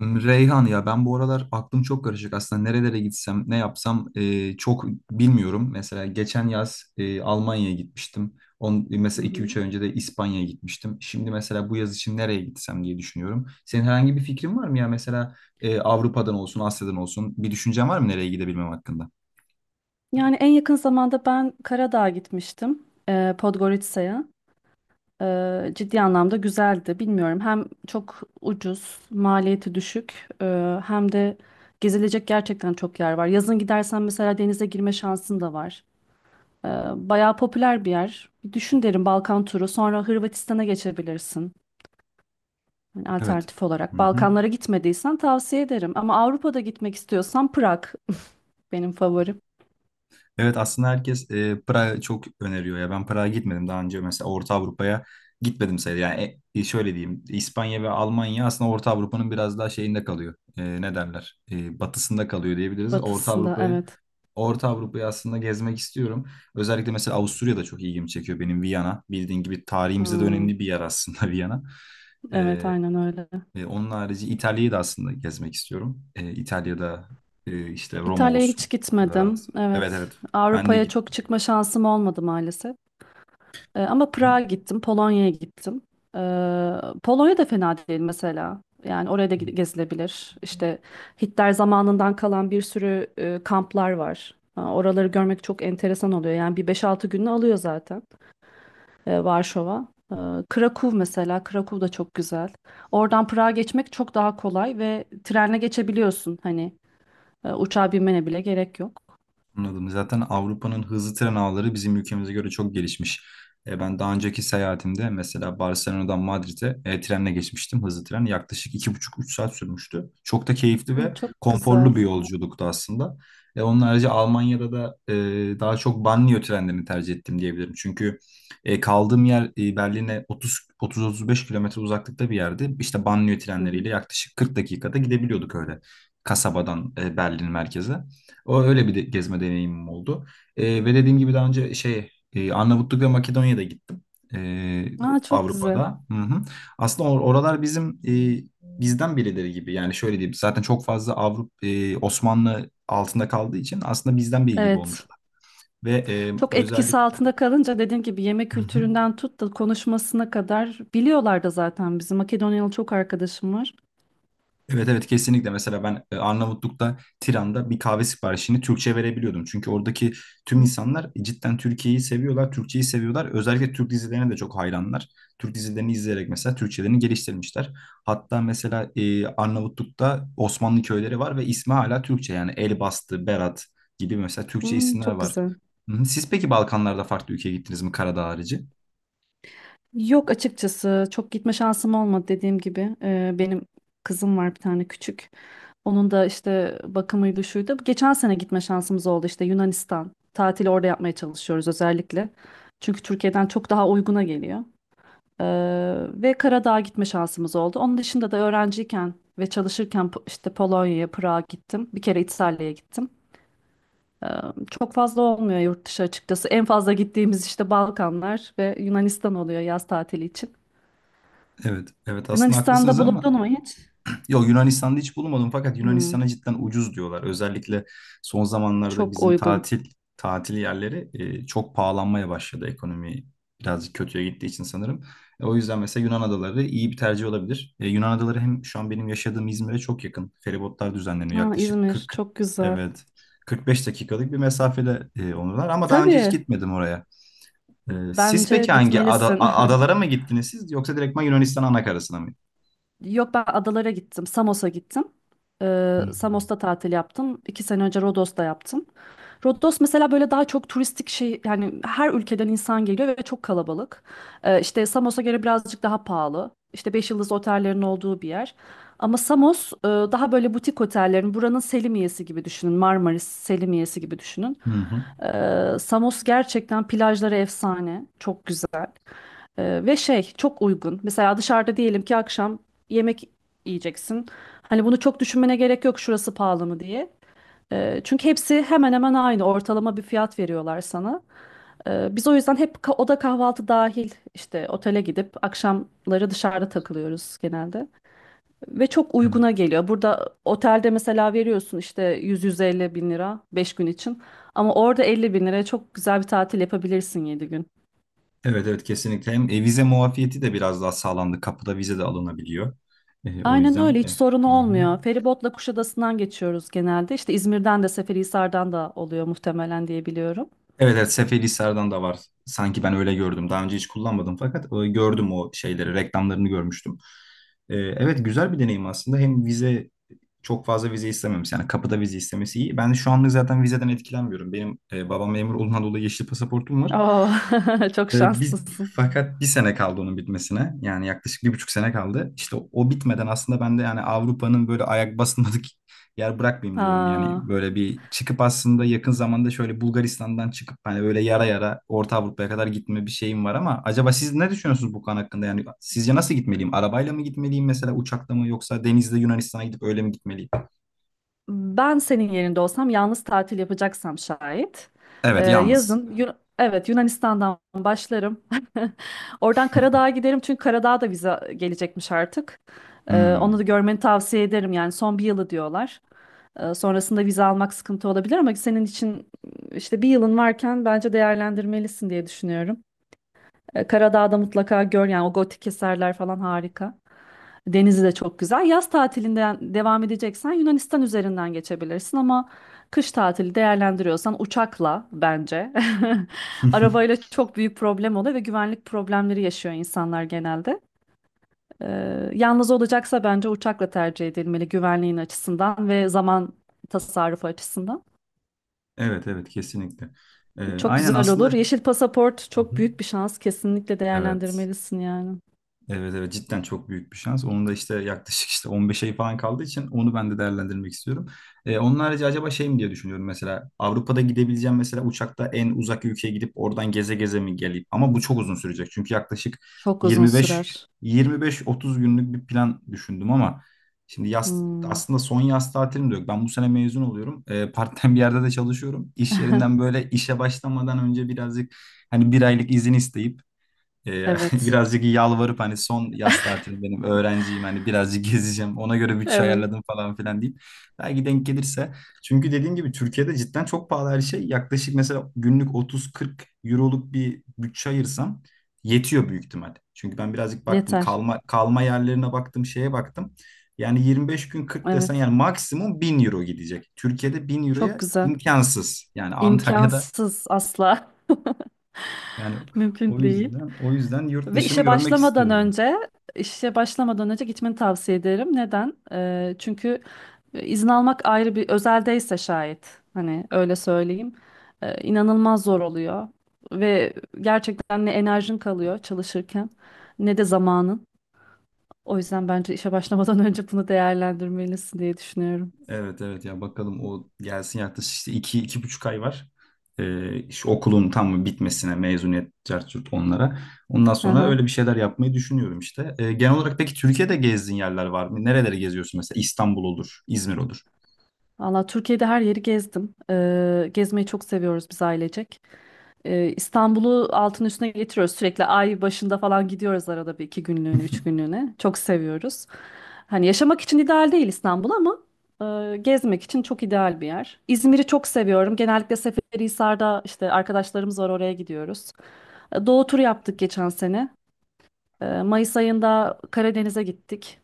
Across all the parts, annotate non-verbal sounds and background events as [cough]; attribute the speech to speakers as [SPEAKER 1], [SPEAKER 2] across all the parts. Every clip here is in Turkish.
[SPEAKER 1] Reyhan, ya ben bu aralar aklım çok karışık aslında nerelere gitsem, ne yapsam çok bilmiyorum. Mesela geçen yaz Almanya'ya gitmiştim. On,
[SPEAKER 2] Hı
[SPEAKER 1] mesela iki
[SPEAKER 2] hı.
[SPEAKER 1] üç ay önce de İspanya'ya gitmiştim. Şimdi mesela bu yaz için nereye gitsem diye düşünüyorum. Senin herhangi bir fikrin var mı ya, mesela Avrupa'dan olsun, Asya'dan olsun, bir düşüncen var mı nereye gidebilmem hakkında?
[SPEAKER 2] Yani en yakın zamanda ben Karadağ'a gitmiştim. Podgorica'ya. Ciddi anlamda güzeldi. Bilmiyorum, hem çok ucuz, maliyeti düşük, hem de gezilecek gerçekten çok yer var. Yazın gidersen mesela denize girme şansın da var. E, Bayağı popüler bir yer. Bir düşün derim, Balkan turu sonra Hırvatistan'a geçebilirsin. Yani
[SPEAKER 1] Evet.
[SPEAKER 2] alternatif
[SPEAKER 1] Hı
[SPEAKER 2] olarak
[SPEAKER 1] hı.
[SPEAKER 2] Balkanlara gitmediysen tavsiye ederim. Ama Avrupa'da gitmek istiyorsan Prag [laughs] benim favorim.
[SPEAKER 1] Evet, aslında herkes Prag'ı çok öneriyor ya. Ben Prag'a gitmedim daha önce, mesela Orta Avrupa'ya gitmedim sayılır. Yani şöyle diyeyim, İspanya ve Almanya aslında Orta Avrupa'nın biraz daha şeyinde kalıyor. Ne derler? Batısında kalıyor diyebiliriz. Orta
[SPEAKER 2] Batısında,
[SPEAKER 1] Avrupa'yı
[SPEAKER 2] evet.
[SPEAKER 1] Orta Avrupa'yı aslında gezmek istiyorum. Özellikle mesela Avusturya da çok ilgimi çekiyor benim, Viyana. Bildiğin gibi tarihimizde de
[SPEAKER 2] Hmm,
[SPEAKER 1] önemli bir yer aslında [laughs] Viyana.
[SPEAKER 2] evet,
[SPEAKER 1] E,
[SPEAKER 2] aynen öyle.
[SPEAKER 1] onun harici İtalya'yı da aslında gezmek istiyorum. İtalya'da işte Roma
[SPEAKER 2] İtalya'ya
[SPEAKER 1] olsun.
[SPEAKER 2] hiç gitmedim.
[SPEAKER 1] Floransa. Evet,
[SPEAKER 2] Evet.
[SPEAKER 1] evet. Ben de
[SPEAKER 2] Avrupa'ya çok
[SPEAKER 1] gittim.
[SPEAKER 2] çıkma şansım olmadı maalesef. Ama Prag'a gittim, Polonya'ya gittim. Ee, Polonya da fena değil mesela. Yani oraya da gezilebilir. İşte Hitler zamanından kalan bir sürü kamplar var. Ha, oraları görmek çok enteresan oluyor. Yani bir 5 6 gününü alıyor zaten. Varşova. Krakow mesela, Krakow da çok güzel. Oradan Prag'a geçmek çok daha kolay ve trenle geçebiliyorsun. Hani uçağa binmene bile gerek yok.
[SPEAKER 1] Anladım. Zaten Avrupa'nın hızlı tren ağları bizim ülkemize göre çok gelişmiş. Ben daha önceki seyahatimde mesela Barcelona'dan Madrid'e trenle geçmiştim. Hızlı tren yaklaşık iki buçuk üç saat sürmüştü. Çok da keyifli
[SPEAKER 2] Hı,
[SPEAKER 1] ve
[SPEAKER 2] çok güzel.
[SPEAKER 1] konforlu bir yolculuktu aslında. Onun harici Almanya'da da daha çok banliyö trenlerini tercih ettim diyebilirim. Çünkü kaldığım yer Berlin'e 30 30-35 kilometre uzaklıkta bir yerdi. İşte banliyö
[SPEAKER 2] Hı
[SPEAKER 1] trenleriyle
[SPEAKER 2] hı.
[SPEAKER 1] yaklaşık 40 dakikada gidebiliyorduk öyle kasabadan Berlin merkeze. O öyle bir de, gezme deneyimim oldu. Ve dediğim gibi daha önce Arnavutluk ve Makedonya'da gittim. Ee,
[SPEAKER 2] Aa, çok güzel.
[SPEAKER 1] Avrupa'da. Hı hı. Aslında oralar bizim, bizden birileri gibi. Yani şöyle diyeyim, zaten çok fazla Avrupa Osmanlı altında kaldığı için aslında bizden biri gibi
[SPEAKER 2] Evet.
[SPEAKER 1] olmuşlar. Ve
[SPEAKER 2] Çok etkisi
[SPEAKER 1] özellikle
[SPEAKER 2] altında kalınca dediğim gibi yemek kültüründen tut da konuşmasına kadar biliyorlar da zaten bizim. Makedonyalı çok arkadaşım var.
[SPEAKER 1] evet, evet kesinlikle. Mesela ben Arnavutluk'ta, Tiran'da bir kahve siparişini Türkçe verebiliyordum. Çünkü oradaki tüm insanlar cidden Türkiye'yi seviyorlar, Türkçeyi seviyorlar. Özellikle Türk dizilerine de çok hayranlar. Türk dizilerini izleyerek mesela Türkçelerini geliştirmişler. Hatta mesela Arnavutluk'ta Osmanlı köyleri var ve ismi hala Türkçe, yani Elbastı, Berat gibi mesela Türkçe
[SPEAKER 2] Hı,
[SPEAKER 1] isimler
[SPEAKER 2] çok
[SPEAKER 1] var.
[SPEAKER 2] güzel.
[SPEAKER 1] Hı hı. Siz peki Balkanlarda farklı ülkeye gittiniz mi, Karadağ harici?
[SPEAKER 2] Yok, açıkçası çok gitme şansım olmadı dediğim gibi. Benim kızım var bir tane küçük. Onun da işte bakımıydı şuydu. Geçen sene gitme şansımız oldu işte Yunanistan. Tatili orada yapmaya çalışıyoruz özellikle. Çünkü Türkiye'den çok daha uyguna geliyor. Ee, ve Karadağ'a gitme şansımız oldu. Onun dışında da öğrenciyken ve çalışırken işte Polonya'ya, Prag'a gittim. Bir kere İtalya'ya gittim. Ee, Çok fazla olmuyor yurt dışı açıkçası. En fazla gittiğimiz işte Balkanlar ve Yunanistan oluyor yaz tatili için.
[SPEAKER 1] Evet, evet, aslında
[SPEAKER 2] Yunanistan'da
[SPEAKER 1] haklısınız ama
[SPEAKER 2] bulundun mu hiç?
[SPEAKER 1] yok, Yunanistan'da hiç bulunmadım, fakat
[SPEAKER 2] Hmm,
[SPEAKER 1] Yunanistan'a cidden ucuz diyorlar. Özellikle son zamanlarda
[SPEAKER 2] çok
[SPEAKER 1] bizim
[SPEAKER 2] uygun.
[SPEAKER 1] tatil yerleri çok pahalanmaya başladı, ekonomi birazcık kötüye gittiği için sanırım. O yüzden mesela Yunan adaları iyi bir tercih olabilir. Yunan adaları hem şu an benim yaşadığım İzmir'e çok yakın. Feribotlar düzenleniyor
[SPEAKER 2] Ha,
[SPEAKER 1] yaklaşık
[SPEAKER 2] İzmir
[SPEAKER 1] 40,
[SPEAKER 2] çok güzel.
[SPEAKER 1] evet, 45 dakikalık bir mesafede onlar, ama daha önce hiç
[SPEAKER 2] Tabii,
[SPEAKER 1] gitmedim oraya. Siz
[SPEAKER 2] bence
[SPEAKER 1] peki hangi
[SPEAKER 2] gitmelisin.
[SPEAKER 1] adalara mı gittiniz, siz yoksa direktman Yunanistan anakarasına mı?
[SPEAKER 2] [laughs] Yok, ben adalara gittim. Samos'a gittim.
[SPEAKER 1] Hı
[SPEAKER 2] Samos'ta tatil yaptım. İki sene önce Rodos'ta yaptım. Rodos mesela böyle daha çok turistik şey, yani her ülkeden insan geliyor ve çok kalabalık. İşte Samos'a göre birazcık daha pahalı. İşte 5 yıldız otellerin olduğu bir yer. Ama Samos daha böyle butik otellerin, buranın Selimiye'si gibi düşünün. Marmaris Selimiye'si gibi düşünün.
[SPEAKER 1] hı. Hı.
[SPEAKER 2] Samos gerçekten plajları efsane. Çok güzel. Ve şey, çok uygun. Mesela dışarıda diyelim ki akşam yemek yiyeceksin. Hani bunu çok düşünmene gerek yok, şurası pahalı mı diye. Çünkü hepsi hemen hemen aynı, ortalama bir fiyat veriyorlar sana. Biz o yüzden hep oda kahvaltı dahil işte otele gidip akşamları dışarıda takılıyoruz genelde. Ve çok
[SPEAKER 1] Evet.
[SPEAKER 2] uyguna geliyor. Burada otelde mesela veriyorsun işte 100-150 bin lira 5 gün için. Ama orada 50 bin liraya çok güzel bir tatil yapabilirsin 7 gün.
[SPEAKER 1] Evet, evet kesinlikle. Hem vize muafiyeti de biraz daha sağlandı. Kapıda vize de alınabiliyor. O
[SPEAKER 2] Aynen
[SPEAKER 1] yüzden
[SPEAKER 2] öyle, hiç sorun
[SPEAKER 1] hı hı.
[SPEAKER 2] olmuyor. Feribotla Kuşadası'ndan geçiyoruz genelde. İşte İzmir'den de Seferihisar'dan da oluyor muhtemelen diye biliyorum.
[SPEAKER 1] Evet, evet, Seferihisar'dan da var. Sanki ben öyle gördüm. Daha önce hiç kullanmadım, fakat gördüm o şeyleri, reklamlarını görmüştüm. Evet, güzel bir deneyim aslında. Hem vize, çok fazla vize istememiş. Yani kapıda vize istemesi iyi. Ben şu anlık zaten vizeden etkilenmiyorum. Benim babam memur olduğundan dolayı yeşil pasaportum var.
[SPEAKER 2] Oo, [laughs] çok
[SPEAKER 1] Biz
[SPEAKER 2] şanslısın.
[SPEAKER 1] fakat bir sene kaldı onun bitmesine. Yani yaklaşık bir buçuk sene kaldı. İşte o bitmeden aslında ben de, yani Avrupa'nın böyle ayak basmadık [laughs] yer bırakmayayım diyorum. Yani
[SPEAKER 2] Ha.
[SPEAKER 1] böyle bir çıkıp aslında yakın zamanda şöyle Bulgaristan'dan çıkıp hani böyle yara yara Orta Avrupa'ya kadar gitme bir şeyim var ama acaba siz ne düşünüyorsunuz bu konu hakkında? Yani sizce nasıl gitmeliyim? Arabayla mı gitmeliyim, mesela uçakla mı, yoksa denizde Yunanistan'a gidip öyle mi gitmeliyim?
[SPEAKER 2] Ben senin yerinde olsam, yalnız tatil yapacaksam şayet,
[SPEAKER 1] Evet, yalnız.
[SPEAKER 2] evet, Yunanistan'dan başlarım. [laughs] Oradan Karadağ'a giderim çünkü Karadağ'a da vize gelecekmiş artık. Onu da
[SPEAKER 1] Hmm.
[SPEAKER 2] görmeni tavsiye ederim, yani son bir yılı diyorlar. Sonrasında vize almak sıkıntı olabilir ama senin için işte bir yılın varken bence değerlendirmelisin diye düşünüyorum. Karadağ'da mutlaka gör, yani o gotik eserler falan harika. Denizi de çok güzel. Yaz tatilinden devam edeceksen Yunanistan üzerinden geçebilirsin ama kış tatili değerlendiriyorsan uçakla bence. [laughs] Arabayla
[SPEAKER 1] [laughs]
[SPEAKER 2] çok büyük problem oluyor ve güvenlik problemleri yaşıyor insanlar genelde. Yalnız olacaksa bence uçakla tercih edilmeli, güvenliğin açısından ve zaman tasarrufu açısından.
[SPEAKER 1] Evet, evet kesinlikle. Ee,
[SPEAKER 2] Çok
[SPEAKER 1] aynen
[SPEAKER 2] güzel olur.
[SPEAKER 1] aslında.
[SPEAKER 2] Yeşil pasaport
[SPEAKER 1] Hı
[SPEAKER 2] çok
[SPEAKER 1] hı.
[SPEAKER 2] büyük bir şans. Kesinlikle
[SPEAKER 1] Evet.
[SPEAKER 2] değerlendirmelisin yani.
[SPEAKER 1] Evet, evet cidden çok büyük bir şans. Onun da işte yaklaşık işte 15 ay falan kaldığı için onu ben de değerlendirmek istiyorum. Onun harici acaba şey mi diye düşünüyorum, mesela Avrupa'da gidebileceğim mesela uçakta en uzak ülkeye gidip oradan geze geze mi geleyim? Ama bu çok uzun sürecek çünkü yaklaşık
[SPEAKER 2] Çok uzun
[SPEAKER 1] 25
[SPEAKER 2] sürer.
[SPEAKER 1] 25-30 günlük bir plan düşündüm ama şimdi yaz
[SPEAKER 2] Hmm,
[SPEAKER 1] aslında son yaz tatilim de yok. Ben bu sene mezun oluyorum. Part-time bir yerde de çalışıyorum. İş yerinden böyle işe başlamadan önce birazcık hani bir aylık izin isteyip [laughs]
[SPEAKER 2] evet.
[SPEAKER 1] birazcık yalvarıp, hani son yaz tatilim benim, öğrenciyim, hani birazcık [laughs] gezeceğim, ona göre bütçe
[SPEAKER 2] Evet.
[SPEAKER 1] ayarladım falan filan deyip belki denk gelirse, çünkü dediğim gibi Türkiye'de cidden çok pahalı her şey. Yaklaşık mesela günlük 30-40 euroluk bir bütçe ayırsam yetiyor büyük ihtimal. Çünkü ben birazcık baktım,
[SPEAKER 2] Yeter.
[SPEAKER 1] kalma yerlerine baktım, şeye baktım, yani 25 gün 40 desen
[SPEAKER 2] Evet.
[SPEAKER 1] yani maksimum 1000 euro gidecek. Türkiye'de 1000
[SPEAKER 2] Çok
[SPEAKER 1] euroya
[SPEAKER 2] güzel.
[SPEAKER 1] imkansız, yani Antalya'da
[SPEAKER 2] İmkansız, asla.
[SPEAKER 1] yani,
[SPEAKER 2] [laughs] Mümkün değil.
[SPEAKER 1] o yüzden yurt
[SPEAKER 2] Ve
[SPEAKER 1] dışını
[SPEAKER 2] işe
[SPEAKER 1] görmek
[SPEAKER 2] başlamadan
[SPEAKER 1] istiyorum.
[SPEAKER 2] önce işe başlamadan önce gitmeni tavsiye ederim. Neden? Çünkü izin almak, ayrı bir özeldeyse şayet hani, öyle söyleyeyim. İnanılmaz zor oluyor ve gerçekten ne enerjin kalıyor çalışırken ne de zamanın. O yüzden bence işe başlamadan [laughs] önce bunu değerlendirmelisin diye düşünüyorum.
[SPEAKER 1] Evet, evet ya, bakalım o gelsin, yaklaşık işte iki, iki buçuk ay var. Şu okulun tam bitmesine, mezuniyet, cart curt onlara. Ondan sonra
[SPEAKER 2] Hı.
[SPEAKER 1] öyle bir şeyler yapmayı düşünüyorum işte. Genel olarak peki Türkiye'de gezdiğin yerler var mı? Nereleri geziyorsun mesela? İstanbul olur, İzmir olur.
[SPEAKER 2] Valla Türkiye'de her yeri gezdim. Gezmeyi çok seviyoruz biz ailecek. İstanbul'u altın üstüne getiriyoruz. Sürekli ay başında falan gidiyoruz, arada bir iki günlüğüne, üç günlüğüne. Çok seviyoruz. Hani yaşamak için ideal değil İstanbul ama gezmek için çok ideal bir yer. İzmir'i çok seviyorum. Genellikle Seferihisar'da işte arkadaşlarımız var, oraya gidiyoruz. Doğu turu yaptık geçen sene. Mayıs ayında Karadeniz'e gittik.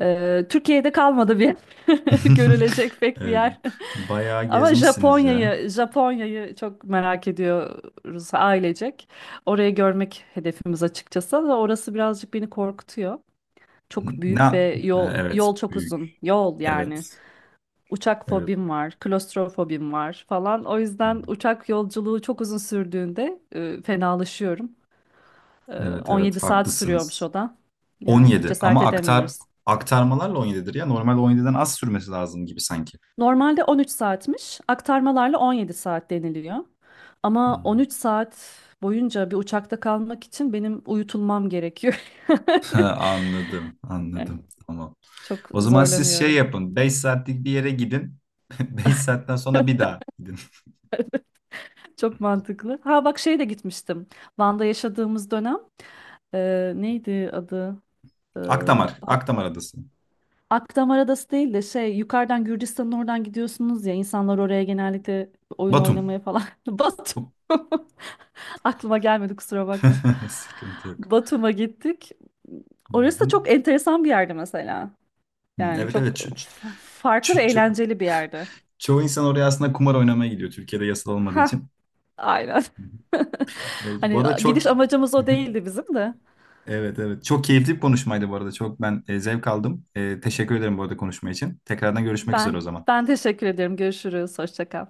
[SPEAKER 2] Türkiye'de kalmadı bir [laughs]
[SPEAKER 1] [laughs]
[SPEAKER 2] görülecek pek bir
[SPEAKER 1] Evet,
[SPEAKER 2] yer. [laughs]
[SPEAKER 1] bayağı
[SPEAKER 2] Ama
[SPEAKER 1] gezmişsiniz ya.
[SPEAKER 2] Japonya'yı çok merak ediyoruz ailecek. Orayı görmek hedefimiz açıkçası ama orası birazcık beni korkutuyor. Çok
[SPEAKER 1] Ne?
[SPEAKER 2] büyük
[SPEAKER 1] Ha,
[SPEAKER 2] ve yol
[SPEAKER 1] evet,
[SPEAKER 2] yol çok
[SPEAKER 1] büyük.
[SPEAKER 2] uzun. Yol yani.
[SPEAKER 1] Evet,
[SPEAKER 2] Uçak
[SPEAKER 1] evet.
[SPEAKER 2] fobim var, klostrofobim var falan. O yüzden
[SPEAKER 1] Evet,
[SPEAKER 2] uçak yolculuğu çok uzun sürdüğünde fenalaşıyorum. E,
[SPEAKER 1] evet, evet,
[SPEAKER 2] 17 saat sürüyormuş
[SPEAKER 1] haklısınız.
[SPEAKER 2] o da. Yani
[SPEAKER 1] 17,
[SPEAKER 2] cesaret
[SPEAKER 1] ama
[SPEAKER 2] edemiyoruz.
[SPEAKER 1] aktarmalarla 17'dir ya. Normal 17'den az sürmesi lazım gibi sanki.
[SPEAKER 2] Normalde 13 saatmiş, aktarmalarla 17 saat deniliyor. Ama
[SPEAKER 1] Hmm.
[SPEAKER 2] 13 saat boyunca bir uçakta kalmak için benim uyutulmam gerekiyor. [laughs]
[SPEAKER 1] [laughs] Anladım,
[SPEAKER 2] Yani
[SPEAKER 1] anladım. Tamam.
[SPEAKER 2] Çok
[SPEAKER 1] O zaman siz şey
[SPEAKER 2] zorlanıyorum.
[SPEAKER 1] yapın, 5 saatlik bir yere gidin. [laughs] 5 saatten sonra bir daha gidin.
[SPEAKER 2] Çok mantıklı. Ha bak, şeye de gitmiştim. Van'da yaşadığımız dönem, neydi adı? E,
[SPEAKER 1] Akdamar,
[SPEAKER 2] Ba-
[SPEAKER 1] Akdamar Adası.
[SPEAKER 2] Akdamar Adası değil de, şey, yukarıdan Gürcistan'ın oradan gidiyorsunuz ya, insanlar oraya genellikle oyun
[SPEAKER 1] Batum.
[SPEAKER 2] oynamaya falan. [laughs] Batum.
[SPEAKER 1] Bu-
[SPEAKER 2] [laughs] Aklıma gelmedi, kusura bakma.
[SPEAKER 1] [laughs] Sıkıntı yok.
[SPEAKER 2] Batum'a gittik.
[SPEAKER 1] Hı
[SPEAKER 2] Orası da
[SPEAKER 1] hı.
[SPEAKER 2] çok enteresan bir yerdi mesela.
[SPEAKER 1] Hı,
[SPEAKER 2] Yani
[SPEAKER 1] evet,
[SPEAKER 2] çok
[SPEAKER 1] evet.
[SPEAKER 2] farklı ve
[SPEAKER 1] Ço- ço-
[SPEAKER 2] eğlenceli bir yerdi.
[SPEAKER 1] Çoğu insan oraya aslında kumar oynamaya gidiyor. Türkiye'de yasal olmadığı
[SPEAKER 2] Ha,
[SPEAKER 1] için.
[SPEAKER 2] aynen. [laughs]
[SPEAKER 1] Evet, bu
[SPEAKER 2] Hani
[SPEAKER 1] arada çok
[SPEAKER 2] gidiş amacımız o
[SPEAKER 1] [laughs]
[SPEAKER 2] değildi bizim de.
[SPEAKER 1] evet, evet. Çok keyifli bir konuşmaydı bu arada. Çok ben zevk aldım. Teşekkür ederim bu arada konuşma için. Tekrardan görüşmek üzere o
[SPEAKER 2] Ben
[SPEAKER 1] zaman.
[SPEAKER 2] ben teşekkür ederim. Görüşürüz. Hoşça kal.